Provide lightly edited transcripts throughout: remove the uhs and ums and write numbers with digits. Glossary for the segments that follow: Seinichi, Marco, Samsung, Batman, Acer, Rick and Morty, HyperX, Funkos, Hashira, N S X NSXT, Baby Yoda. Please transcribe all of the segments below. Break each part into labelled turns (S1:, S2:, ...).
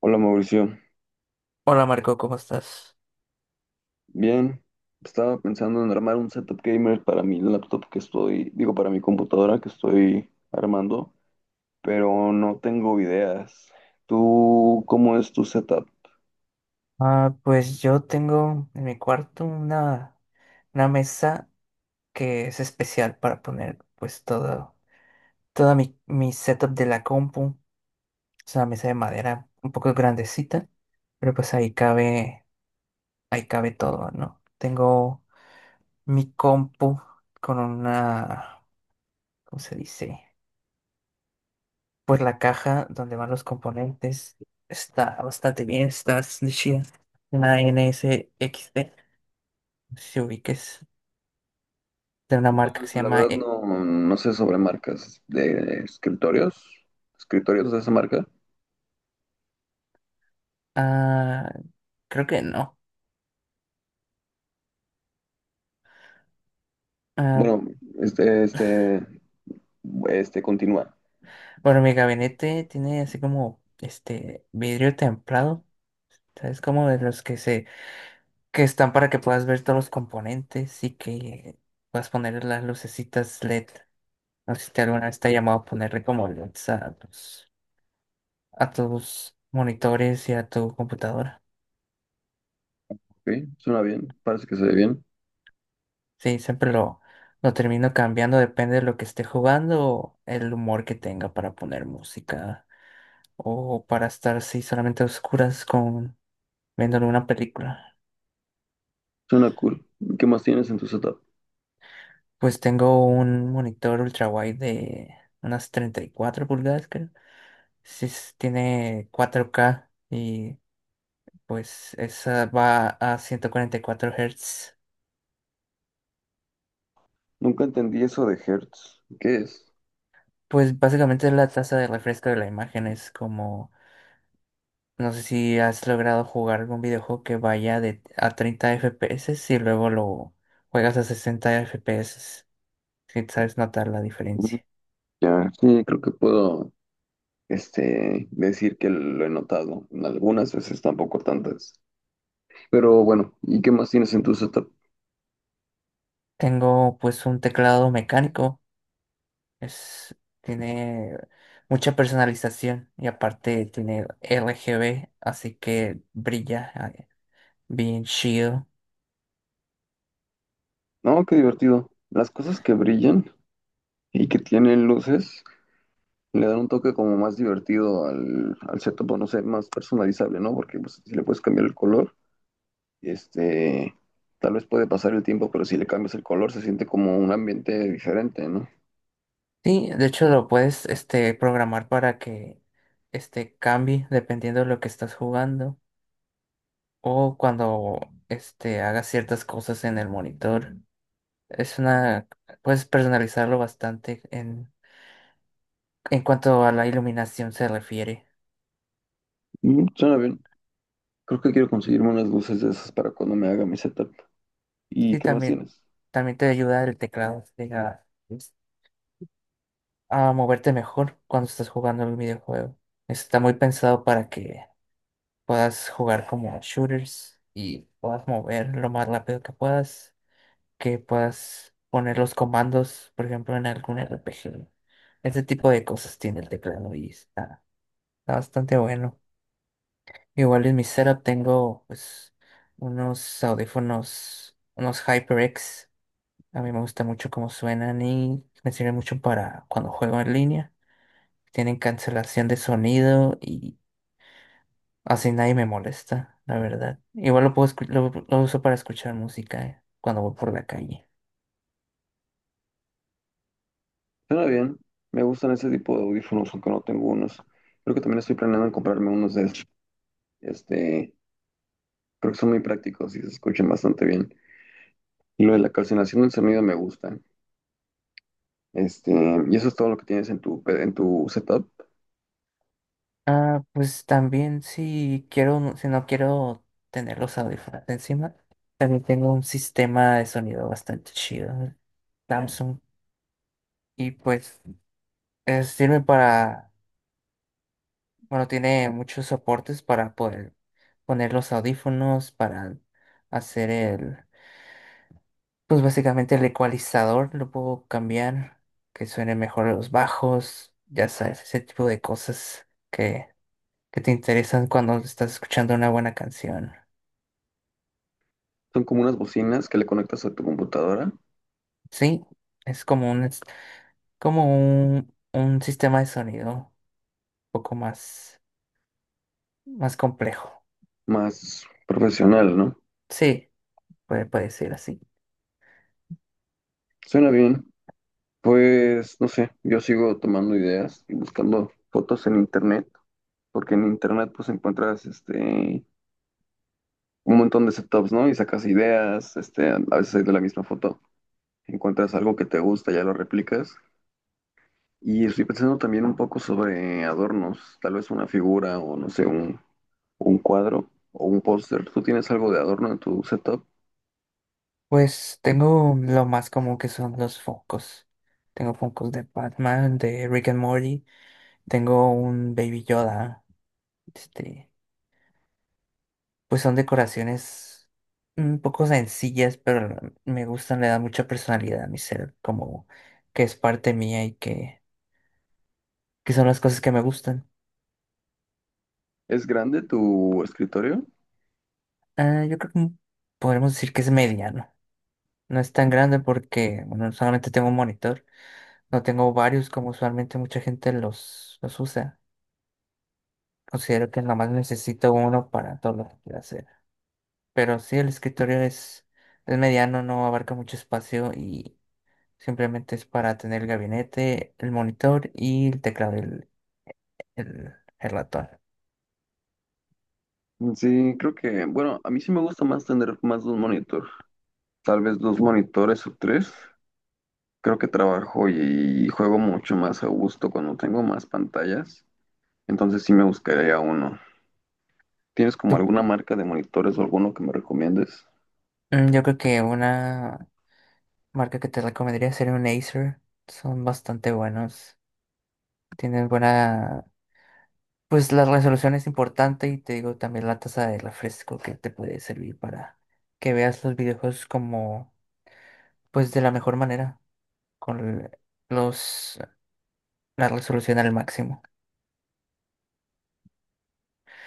S1: Hola Mauricio,
S2: Hola Marco, ¿cómo estás?
S1: bien, estaba pensando en armar un setup gamer para mi laptop para mi computadora que estoy armando, pero no tengo ideas. ¿Tú cómo es tu setup?
S2: Ah, pues yo tengo en mi cuarto una mesa que es especial para poner pues todo, toda mi setup de la compu. Es una mesa de madera un poco grandecita, pero pues ahí cabe todo, ¿no? Tengo mi compu con una, ¿cómo se dice? Pues la caja donde van los componentes. Está bastante bien, está chida. Una N S X NSXT. No sé si ubiques, de una marca que se
S1: No, la
S2: llama...
S1: verdad no, no sé sobre marcas de escritorios, escritorios de esa marca.
S2: ah, creo que no. Ah,
S1: Bueno, este, este, continúa,
S2: bueno, mi gabinete tiene así como este vidrio templado, ¿sabes? Como de los que se... que están para que puedas ver todos los componentes y que puedas poner las lucecitas LED. No sé si te alguna vez te ha llamado a ponerle como LEDs a tus monitores y a tu computadora.
S1: ¿ok? Suena bien, parece que se ve bien,
S2: Sí, siempre lo... Lo termino cambiando, depende de lo que esté jugando o el humor que tenga para poner música, o para estar sí, solamente a oscuras con viéndole una película.
S1: suena cool. ¿Qué más tienes en tu setup?
S2: Pues tengo un monitor ultrawide de unas 34 pulgadas, creo. Sí, tiene 4K y pues esa va a 144 Hz.
S1: Nunca entendí eso de Hertz, ¿qué es?
S2: Pues básicamente la tasa de refresco de la imagen es como... No sé si has logrado jugar algún videojuego que vaya a 30 FPS y luego lo juegas a 60 FPS. Si sabes notar la diferencia.
S1: Ya, sí, creo que puedo, decir que lo he notado en algunas veces, tampoco tantas. Pero bueno, ¿y qué más tienes en tu setup?
S2: Tengo pues un teclado mecánico, es, tiene mucha personalización y aparte tiene RGB, así que brilla eh, bien chido.
S1: No, qué divertido. Las cosas que brillan y que tienen luces le dan un toque como más divertido al setup, o no sé, más personalizable, ¿no? Porque pues, si le puedes cambiar el color, este, tal vez puede pasar el tiempo, pero si le cambias el color se siente como un ambiente diferente, ¿no?
S2: Sí, de hecho lo puedes programar para que cambie dependiendo de lo que estás jugando o cuando hagas ciertas cosas en el monitor. Es una, puedes personalizarlo bastante en cuanto a la iluminación se refiere.
S1: Mm, suena bien. Creo que quiero conseguirme unas luces de esas para cuando me haga mi setup. ¿Y
S2: Sí,
S1: qué más
S2: también,
S1: tienes?
S2: también te ayuda el teclado sí, a moverte mejor cuando estás jugando el videojuego. Está muy pensado para que puedas jugar como shooters y puedas mover lo más rápido que puedas poner los comandos, por ejemplo, en algún RPG. Ese tipo de cosas tiene el teclado y está, está bastante bueno. Igual en mi setup tengo pues unos audífonos, unos HyperX. A mí me gusta mucho cómo suenan y me sirve mucho para cuando juego en línea. Tienen cancelación de sonido y así nadie me molesta, la verdad. Igual lo puedo lo uso para escuchar música cuando voy por la calle.
S1: Suena bien. Me gustan ese tipo de audífonos, aunque no tengo unos. Creo que también estoy planeando en comprarme unos de esos. Este, Creo que son muy prácticos y se escuchan bastante bien. Y lo de la calcinación del sonido me gusta. Este, y eso es todo lo que tienes en tu, en tu setup.
S2: Ah, pues también si quiero, si no quiero tener los audífonos encima, también tengo un sistema de sonido bastante chido, Samsung, y pues sirve para bueno, tiene muchos soportes para poder poner los audífonos, para hacer el, pues básicamente el ecualizador, lo puedo cambiar, que suene mejor los bajos, ya sabes, ese tipo de cosas que te interesan cuando estás escuchando una buena canción.
S1: Son como unas bocinas que le conectas a tu computadora,
S2: Sí, es como un sistema de sonido un poco más, más complejo.
S1: más profesional, ¿no?
S2: Sí, puede, puede ser así.
S1: Suena bien. Pues, no sé, yo sigo tomando ideas y buscando fotos en internet, porque en internet pues encuentras un montón de setups, ¿no? Y sacas ideas, a veces hay de la misma foto, encuentras algo que te gusta, ya lo replicas. Y estoy pensando también un poco sobre adornos, tal vez una figura o no sé, un cuadro o un póster. ¿Tú tienes algo de adorno en tu setup?
S2: Pues tengo lo más común que son los Funkos. Tengo Funkos de Batman, de Rick and Morty, tengo un Baby Yoda. Este, pues son decoraciones un poco sencillas, pero me gustan, le dan mucha personalidad a mi ser, como que es parte mía y que son las cosas que me gustan.
S1: ¿Es grande tu escritorio?
S2: Ah, yo creo que podremos decir que es mediano. No es tan grande porque, bueno, solamente tengo un monitor, no tengo varios como usualmente mucha gente los usa. Considero que nomás necesito uno para todo lo que quiero hacer. Pero sí, el escritorio es mediano, no abarca mucho espacio y simplemente es para tener el gabinete, el monitor y el teclado, el, el ratón.
S1: Mm, sí, creo que, bueno, a mí sí me gusta más tener más de un monitor, tal vez dos monitores o tres. Creo que trabajo y juego mucho más a gusto cuando tengo más pantallas, entonces sí me buscaría uno. ¿Tienes como
S2: Tú-
S1: alguna marca de monitores o alguno que me recomiendes?
S2: mm, yo creo que una marca que te recomendaría sería un Acer. Son bastante buenos. Tienen buena... Pues la resolución es importante y te digo también la tasa de refresco que te puede servir para que veas los videojuegos como, pues de la mejor manera, con los, la resolución al máximo.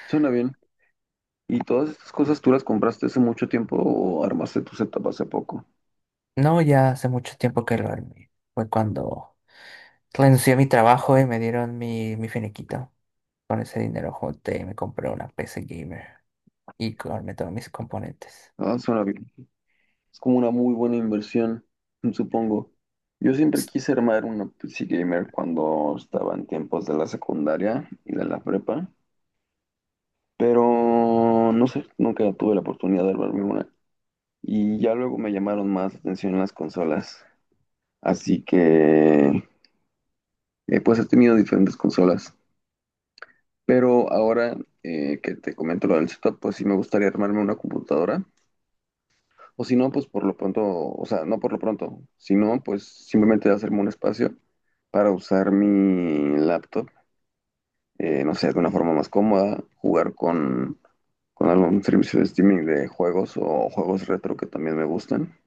S1: Suena bien. ¿Y todas estas cosas tú las compraste hace mucho tiempo o armaste tu setup hace poco?
S2: No, ya hace mucho tiempo que lo armé. Fue cuando renuncié a mi trabajo y me dieron mi finiquito. Con ese dinero junté y me compré una PC gamer y armé todos mis componentes.
S1: Ah, suena bien. Es como una muy buena inversión, supongo. Yo siempre
S2: S-
S1: quise armar una PC gamer cuando estaba en tiempos de la secundaria y de la prepa, pero no sé, nunca tuve la oportunidad de armarme una. Y ya luego me llamaron más atención las consolas. Así que, pues he tenido diferentes consolas. Pero ahora que te comento lo del setup, pues sí me gustaría armarme una computadora. O si no, pues por lo pronto, o sea, no por lo pronto, si no, pues simplemente hacerme un espacio para usar mi laptop, no sé, de una forma más cómoda, jugar con algún servicio de streaming de juegos o juegos retro que también me gustan.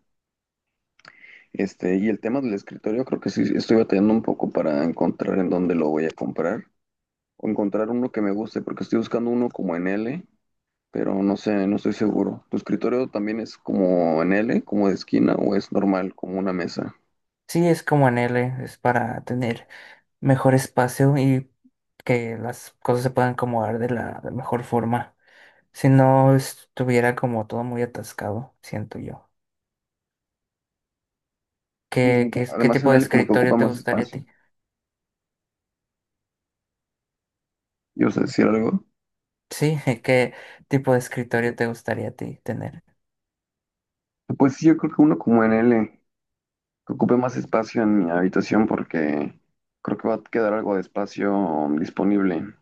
S1: Y el tema del escritorio, creo que sí, estoy batallando un poco para encontrar en dónde lo voy a comprar o encontrar uno que me guste, porque estoy buscando uno como en L, pero no sé, no estoy seguro. ¿Tu escritorio también es como en L, como de esquina, o es normal, como una mesa?
S2: sí, es como en L, es para tener mejor espacio y que las cosas se puedan acomodar de la de mejor forma. Si no estuviera como todo muy atascado, siento yo.
S1: Mm,
S2: Qué
S1: además,
S2: tipo
S1: en
S2: de
S1: L como que
S2: escritorio
S1: ocupa
S2: te
S1: más
S2: gustaría a
S1: espacio.
S2: ti?
S1: Yo sé decir algo.
S2: Sí, ¿qué tipo de escritorio te gustaría a ti tener?
S1: Pues sí, yo creo que uno como en L, que ocupe más espacio en mi habitación porque creo que va a quedar algo de espacio disponible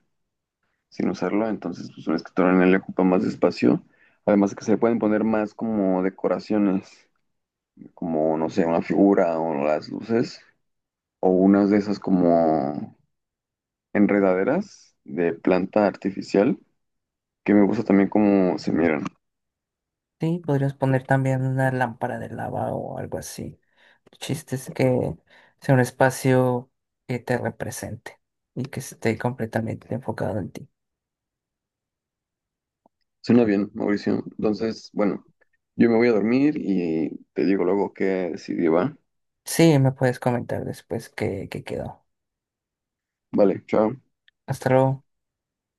S1: sin usarlo. Entonces, pues un escritorio en L ocupa más espacio. Además de que se le pueden poner más como decoraciones, como, no sé, una figura o las luces, o unas de esas como enredaderas de planta artificial que me gusta también cómo se miran.
S2: Sí, podrías poner también una lámpara de lava o algo así. El chiste es que sea un espacio que te represente y que esté completamente enfocado en ti.
S1: Suena bien, Mauricio. Entonces, bueno, yo me voy a dormir y te digo luego qué decidí, ¿va?
S2: Sí, me puedes comentar después qué quedó.
S1: Vale, chao.
S2: Hasta luego.